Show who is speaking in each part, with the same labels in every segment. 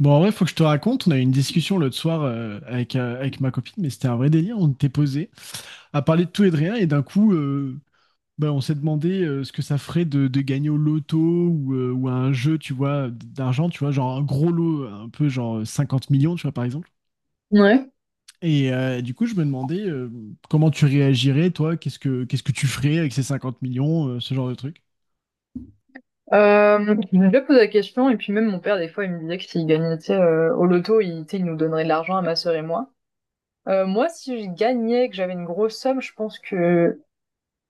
Speaker 1: Bon, en vrai, faut que je te raconte. On a eu une discussion l'autre soir avec, avec ma copine, mais c'était un vrai délire. On était posé à parler de tout et de rien, et d'un coup, on s'est demandé ce que ça ferait de gagner au loto ou à un jeu, tu vois, d'argent, tu vois, genre un gros lot, un peu genre 50 millions, tu vois, par exemple.
Speaker 2: Ouais.
Speaker 1: Et du coup, je me demandais comment tu réagirais, toi, qu'est-ce que tu ferais avec ces 50 millions, ce genre de truc?
Speaker 2: Je me suis déjà posé la question, et puis même mon père, des fois, il me disait que s'il gagnait, tu sais, au loto, il, tu sais, il nous donnerait de l'argent à ma sœur et moi. Moi, si je gagnais, que j'avais une grosse somme, je pense que,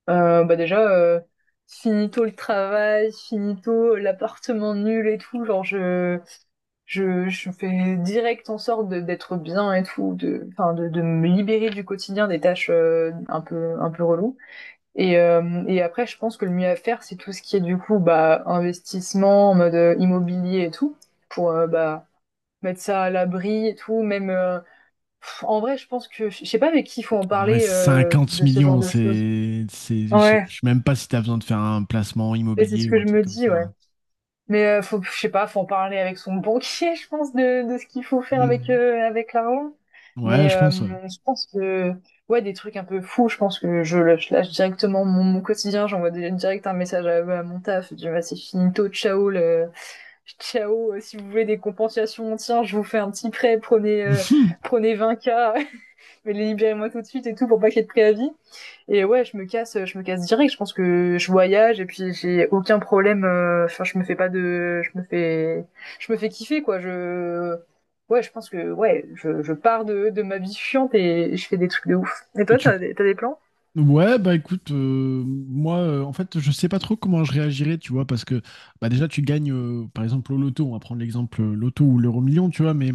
Speaker 2: bah déjà, finito le travail, finito l'appartement nul et tout, genre, je fais direct en sorte d'être bien et tout, de, enfin, de me libérer du quotidien des tâches, un peu reloues. Et après, je pense que le mieux à faire, c'est tout ce qui est du coup bah, investissement en mode immobilier et tout, pour bah, mettre ça à l'abri et tout. Même pff, en vrai, je pense que je sais pas avec qui il faut en
Speaker 1: En vrai,
Speaker 2: parler
Speaker 1: 50
Speaker 2: de ce genre
Speaker 1: millions,
Speaker 2: de choses.
Speaker 1: c'est, je sais
Speaker 2: Ouais,
Speaker 1: je sais même pas si tu as besoin de faire un placement
Speaker 2: et c'est ce
Speaker 1: immobilier ou
Speaker 2: que
Speaker 1: un
Speaker 2: je
Speaker 1: truc
Speaker 2: me
Speaker 1: comme
Speaker 2: dis,
Speaker 1: ça.
Speaker 2: ouais. Mais faut, je sais pas, faut en parler avec son banquier, je pense, de ce qu'il faut faire avec
Speaker 1: Mmh.
Speaker 2: avec l'argent.
Speaker 1: Ouais,
Speaker 2: Mais
Speaker 1: je pense, ouais.
Speaker 2: je pense que ouais, des trucs un peu fous. Je pense que je, lâche directement mon, mon quotidien. Direct un message à mon taf. Je dis bah, c'est finito, ciao, le, ciao. Si vous voulez des compensations, tiens, je vous fais un petit prêt. Prenez prenez 20K mais libérez-moi tout de suite et tout pour pas qu'il y ait de préavis. Et ouais, je me casse direct. Je pense que je voyage et puis j'ai aucun problème. Enfin, je me fais pas de, je me fais kiffer quoi. Je, ouais, je pense que ouais, je pars de ma vie chiante et je fais des trucs de ouf. Et
Speaker 1: Et
Speaker 2: toi,
Speaker 1: tu...
Speaker 2: t'as des plans?
Speaker 1: Ouais, bah écoute, moi, en fait, je sais pas trop comment je réagirais, tu vois, parce que bah déjà, tu gagnes, par exemple, au loto, on va prendre l'exemple loto ou l'euro million, tu vois, mais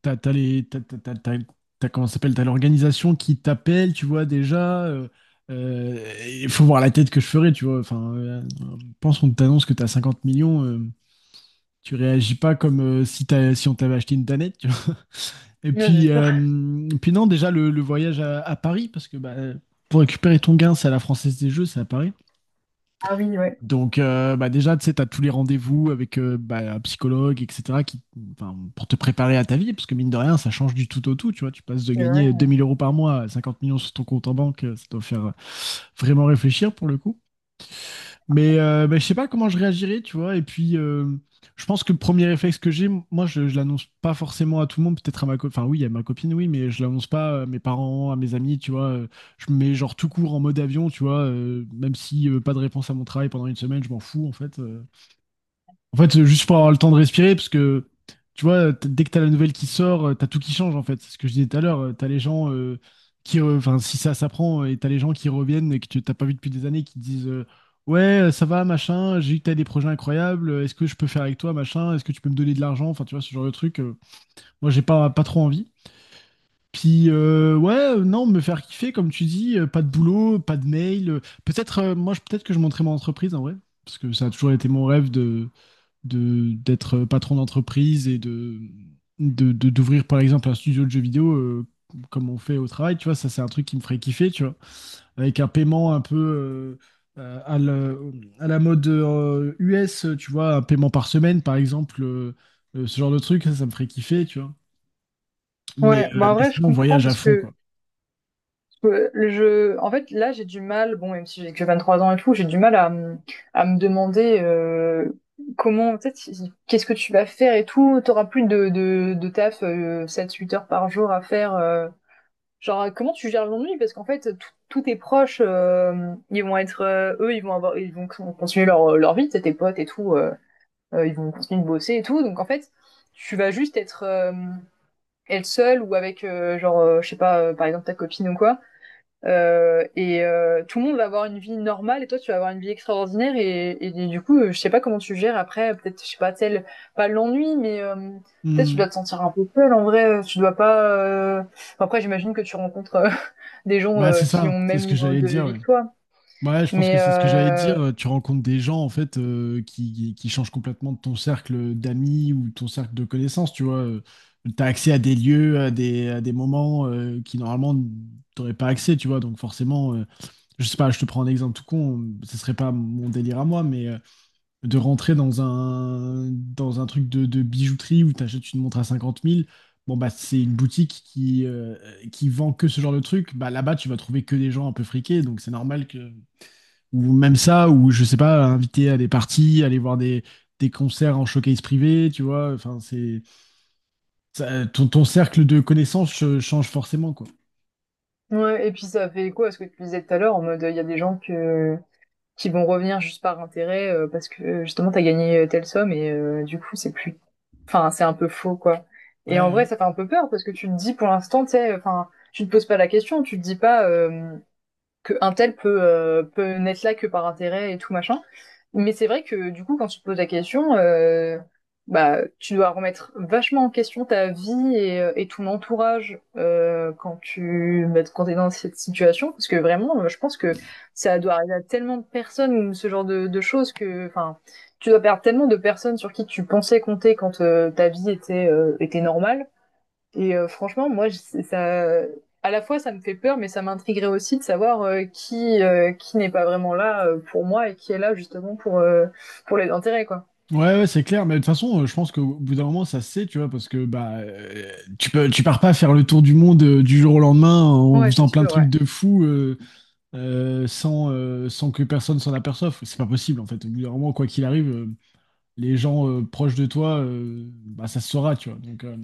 Speaker 1: t'as, t'as les, t'as, t'as- t'as- t'as- t'as- comment ça s'appelle, t'as l'organisation qui t'appelle, tu vois, déjà, il faut voir la tête que je ferais, tu vois, enfin, pense qu'on t'annonce que t'as 50 millions, tu réagis pas comme si t'as, si on t'avait acheté une danette. Et
Speaker 2: Ouais, c'est
Speaker 1: puis,
Speaker 2: sûr.
Speaker 1: euh, et puis non, déjà le voyage à Paris, parce que bah, pour récupérer ton gain, c'est à la Française des Jeux, c'est à Paris.
Speaker 2: Ah oui, ouais.
Speaker 1: Donc bah, déjà, tu sais, t'as tous les rendez-vous avec bah, un psychologue, etc., qui, enfin, pour te préparer à ta vie, parce que mine de rien, ça change du tout au tout, tu vois. Tu passes de
Speaker 2: C'est vrai.
Speaker 1: gagner 2 000 euros par mois à 50 millions sur ton compte en banque, ça doit faire vraiment réfléchir pour le coup. Mais, bah, je sais pas comment je réagirais, tu vois. Et puis, je pense que le premier réflexe que j'ai, moi, je l'annonce pas forcément à tout le monde, peut-être à ma copine. Enfin, oui, à ma copine, oui, mais je l'annonce pas à mes parents, à mes amis, tu vois. Je me mets genre tout court en mode avion, tu vois. Même si pas de réponse à mon travail pendant une semaine, je m'en fous, en fait. En fait, juste pour avoir le temps de respirer, parce que tu vois, dès que t'as la nouvelle qui sort, t'as tout qui change en fait. C'est ce que je disais tout à l'heure. T'as les gens qui, enfin, si ça s'apprend, et t'as les gens qui reviennent et que tu t'as pas vu depuis des années, qui te disent ouais, ça va, machin. J'ai vu que t'as des projets incroyables. Est-ce que je peux faire avec toi, machin? Est-ce que tu peux me donner de l'argent? Enfin, tu vois, ce genre de truc. Moi, j'ai pas trop envie. Puis ouais, non, me faire kiffer, comme tu dis, pas de boulot, pas de mail. Peut-être, moi, peut-être que je monterai mon entreprise en vrai, parce que ça a toujours été mon rêve de d'être patron d'entreprise et de d'ouvrir par exemple un studio de jeux vidéo comme on fait au travail, tu vois, ça c'est un truc qui me ferait kiffer, tu vois, avec un paiement un peu à à la mode US, tu vois, un paiement par semaine par exemple, ce genre de truc, ça me ferait kiffer, tu vois.
Speaker 2: Ouais, bah en
Speaker 1: Mais
Speaker 2: vrai, je
Speaker 1: sinon, on
Speaker 2: comprends
Speaker 1: voyage à
Speaker 2: parce
Speaker 1: fond,
Speaker 2: que
Speaker 1: quoi.
Speaker 2: Je, en fait, là, j'ai du mal, bon, même si j'ai que 23 ans et tout, j'ai du mal à me demander comment, peut-être, qu'est-ce que tu vas faire et tout. T'auras plus de taf 7-8 heures par jour à faire. Genre, comment tu gères l'ennui? Parce qu'en fait, tous tes proches, ils vont être, eux, ils vont avoir, ils vont continuer leur, leur vie, t'sais, tes potes et tout, ils vont continuer de bosser et tout. Donc, en fait, tu vas juste être, être seule ou avec, genre, je sais pas, par exemple, ta copine ou quoi. Et tout le monde va avoir une vie normale et toi tu vas avoir une vie extraordinaire et du coup je sais pas comment tu gères après peut-être je sais pas tel pas l'ennui mais peut-être tu
Speaker 1: Hmm.
Speaker 2: dois te sentir un peu seul en vrai tu dois pas enfin, après j'imagine que tu rencontres des gens
Speaker 1: Bah, c'est
Speaker 2: qui ont
Speaker 1: ça,
Speaker 2: le
Speaker 1: c'est ce
Speaker 2: même
Speaker 1: que
Speaker 2: niveau
Speaker 1: j'allais
Speaker 2: de
Speaker 1: dire,
Speaker 2: vie
Speaker 1: ouais.
Speaker 2: que toi
Speaker 1: Bah ouais, je pense que
Speaker 2: mais
Speaker 1: c'est ce que j'allais dire. Tu rencontres des gens en fait qui changent complètement de ton cercle d'amis ou ton cercle de connaissances, tu vois. Tu as accès à des lieux, à des moments qui normalement t'aurais pas accès, tu vois. Donc forcément, je sais pas, je te prends un exemple tout con, ce serait pas mon délire à moi, mais de rentrer dans un truc de bijouterie où tu achètes une montre à 50 000. Bon bah c'est une boutique qui vend que ce genre de truc. Bah là-bas, tu vas trouver que des gens un peu friqués, donc c'est normal que ou même ça, ou je sais pas, inviter à des parties, aller voir des concerts en showcase privé, tu vois. Enfin, c'est ton, ton cercle de connaissances change forcément, quoi.
Speaker 2: ouais, et puis ça fait écho à ce que tu disais tout à l'heure en mode il y a des gens que qui vont revenir juste par intérêt parce que justement t'as gagné telle somme et du coup c'est plus enfin, c'est un peu faux, quoi.
Speaker 1: Ouais,
Speaker 2: Et en vrai,
Speaker 1: ouais.
Speaker 2: ça fait un peu peur parce que tu te dis pour l'instant, tu sais, enfin, tu te poses pas la question, tu te dis pas. Qu'un tel peut, peut n'être là que par intérêt et tout machin. Mais c'est vrai que du coup, quand tu te poses la question, bah, tu dois remettre vachement en question ta vie et ton entourage quand tu bah, quand t'es dans cette situation, parce que vraiment, je pense que ça doit arriver à tellement de personnes ce genre de choses que, enfin, tu dois perdre tellement de personnes sur qui tu pensais compter quand ta vie était était normale et franchement, moi, je- ça, à la fois, ça me fait peur, mais ça m'intriguerait aussi de savoir qui n'est pas vraiment là pour moi et qui est là justement pour les intérêts, quoi.
Speaker 1: Ouais, ouais, c'est clair, mais de toute façon, je pense qu'au bout d'un moment, ça se sait, tu vois, parce que bah, tu peux, tu pars pas faire le tour du monde du jour au lendemain en
Speaker 2: Ouais,
Speaker 1: faisant
Speaker 2: c'est
Speaker 1: plein de
Speaker 2: sûr,
Speaker 1: trucs
Speaker 2: ouais.
Speaker 1: de fou sans, sans que personne s'en aperçoive. C'est pas possible, en fait. Au bout d'un moment, quoi qu'il arrive, les gens proches de toi, bah, ça se saura, tu vois. Donc, euh,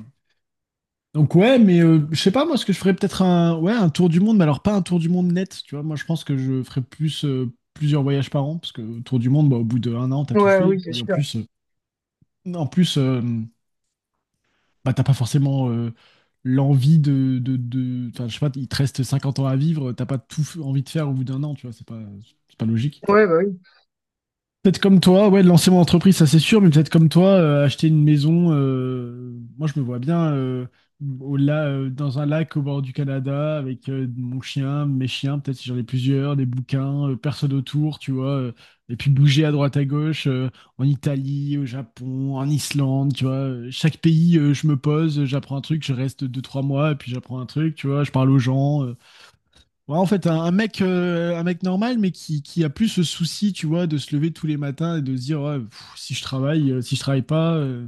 Speaker 1: Donc ouais, mais je sais pas moi ce que je ferais peut-être un ouais un tour du monde, mais alors pas un tour du monde net, tu vois. Moi je pense que je ferais plus plusieurs voyages par an parce que tour du monde, bah, au bout de un an t'as tout
Speaker 2: Ouais,
Speaker 1: fait et
Speaker 2: oui, c'est
Speaker 1: puis en
Speaker 2: sûr.
Speaker 1: plus, bah t'as pas forcément l'envie de enfin je sais pas il te reste 50 ans à vivre, t'as pas envie de faire au bout d'un an, tu vois. C'est pas logique.
Speaker 2: Ouais, bah oui.
Speaker 1: Peut-être comme toi, ouais, de lancer mon entreprise, ça c'est sûr, mais peut-être comme toi, acheter une maison, moi je me vois bien dans un lac au bord du Canada avec mon chien, mes chiens, peut-être si j'en ai plusieurs, des bouquins, personne autour, tu vois, et puis bouger à droite à gauche, en Italie, au Japon, en Islande, tu vois, chaque pays, je me pose, j'apprends un truc, je reste deux, trois mois, et puis j'apprends un truc, tu vois, je parle aux gens, ouais, en fait, un mec, un mec normal, mais qui a plus ce souci, tu vois, de se lever tous les matins et de se dire, ouais, pff, si je travaille, si je travaille pas,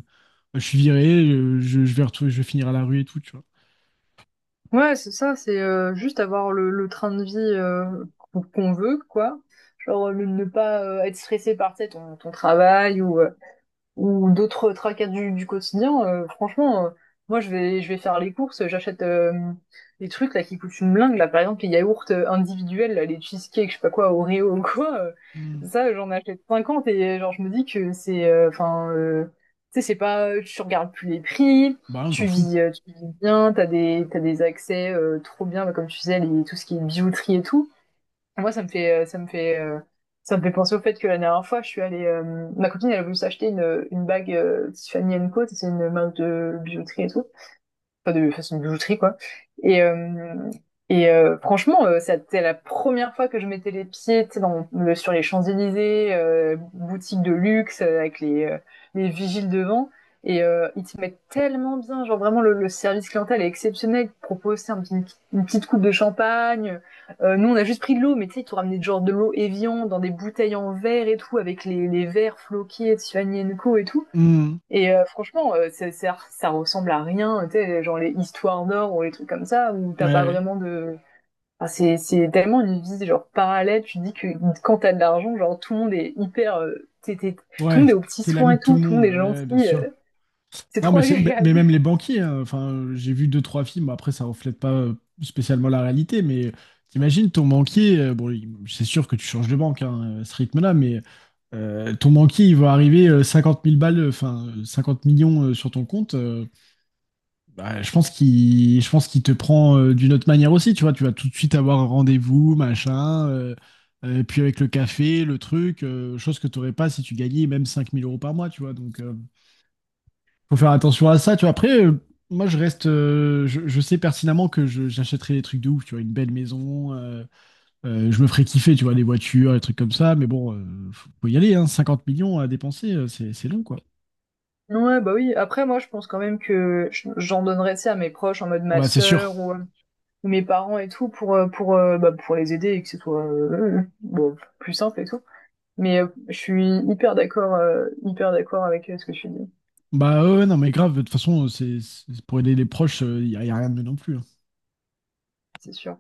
Speaker 1: bah, je suis viré, je vais retrouver, je vais finir à la rue et tout, tu vois.
Speaker 2: Ouais, c'est ça, c'est juste avoir le train de vie qu'on qu'on veut, quoi. Genre, ne ne pas être stressé par, tu sais, ton, ton travail ou d'autres tracas du quotidien, franchement, moi je vais faire les courses, j'achète des trucs là qui coûtent une blinde là, par exemple les yaourts individuels, là, les cheesecakes, je sais pas quoi, Oreo ou quoi,
Speaker 1: Hmm.
Speaker 2: ça j'en achète 50 et genre je me dis que c'est enfin tu sais c'est pas tu regardes plus les prix,
Speaker 1: Bah, on t'en fout.
Speaker 2: tu vis bien, t'as des accès trop bien bah, comme tu disais les, tout ce qui est bijouterie et tout. Moi, ça me fait, ça me fait, ça me fait penser au fait que la dernière fois, je suis allée, ma copine, elle a voulu s'acheter une bague Tiffany Co. C'est une marque de bijouterie et tout pas de façon de bijouterie quoi. Et euh, et franchement, c'était la première fois que je mettais les pieds, tu sais, dans le, sur les Champs-Élysées, boutique de luxe avec les vigiles devant. Et ils te mettent tellement bien, genre vraiment le service clientèle est exceptionnel. Ils te proposent tu sais, une, petite coupe de champagne. Nous on a juste pris de l'eau, mais tu sais ils t'ont ramené genre de l'eau Evian dans des bouteilles en verre et tout avec les verres floqués de Suanienko et tout.
Speaker 1: Hmm.
Speaker 2: Et franchement, ça ressemble à rien, tu sais, genre les histoires d'or ou les trucs comme ça, où t'as pas
Speaker 1: Ouais,
Speaker 2: vraiment de... Enfin, c'est tellement une vie genre parallèle, tu dis que quand t'as de l'argent, genre tout le monde est hyper... t'es- t'es- tout le
Speaker 1: ouais,
Speaker 2: monde est aux petits
Speaker 1: t'es
Speaker 2: soins
Speaker 1: l'ami
Speaker 2: et
Speaker 1: de tout
Speaker 2: tout,
Speaker 1: le
Speaker 2: tout le
Speaker 1: monde,
Speaker 2: monde est
Speaker 1: ouais, bien
Speaker 2: gentil,
Speaker 1: sûr.
Speaker 2: c'est
Speaker 1: Non,
Speaker 2: trop
Speaker 1: mais, mais
Speaker 2: agréable.
Speaker 1: même les banquiers, hein. Enfin, j'ai vu deux, trois films, après ça reflète pas spécialement la réalité, mais t'imagines ton banquier, bon, c'est sûr que tu changes de banque hein, à ce rythme-là, mais ton banquier, il va arriver 50 000 balles, enfin, 50 millions sur ton compte, bah, je pense qu'il te prend d'une autre manière aussi, tu vois, tu vas tout de suite avoir un rendez-vous, machin, puis avec le café, le truc, chose que t'aurais pas si tu gagnais même 5 000 euros par mois, tu vois, donc... faut faire attention à ça, tu vois. Après, moi, je reste, je sais pertinemment que j'achèterai des trucs de ouf, tu vois, une belle maison, je me ferai kiffer, tu vois, des voitures, des trucs comme ça, mais bon, faut y aller, hein, 50 millions à dépenser, c'est long, quoi.
Speaker 2: Ouais, bah oui, après moi je pense quand même que j'en donnerais ça à mes proches, en mode
Speaker 1: Ah
Speaker 2: ma
Speaker 1: bah, c'est sûr.
Speaker 2: sœur ou mes parents et tout, pour, bah, pour les aider et que ce soit bon, plus simple et tout. Mais je suis hyper d'accord avec ce que tu dis,
Speaker 1: Bah, ouais, ouais, non, mais grave, de toute façon, pour aider les proches, y a rien de mieux non plus, hein.
Speaker 2: c'est sûr.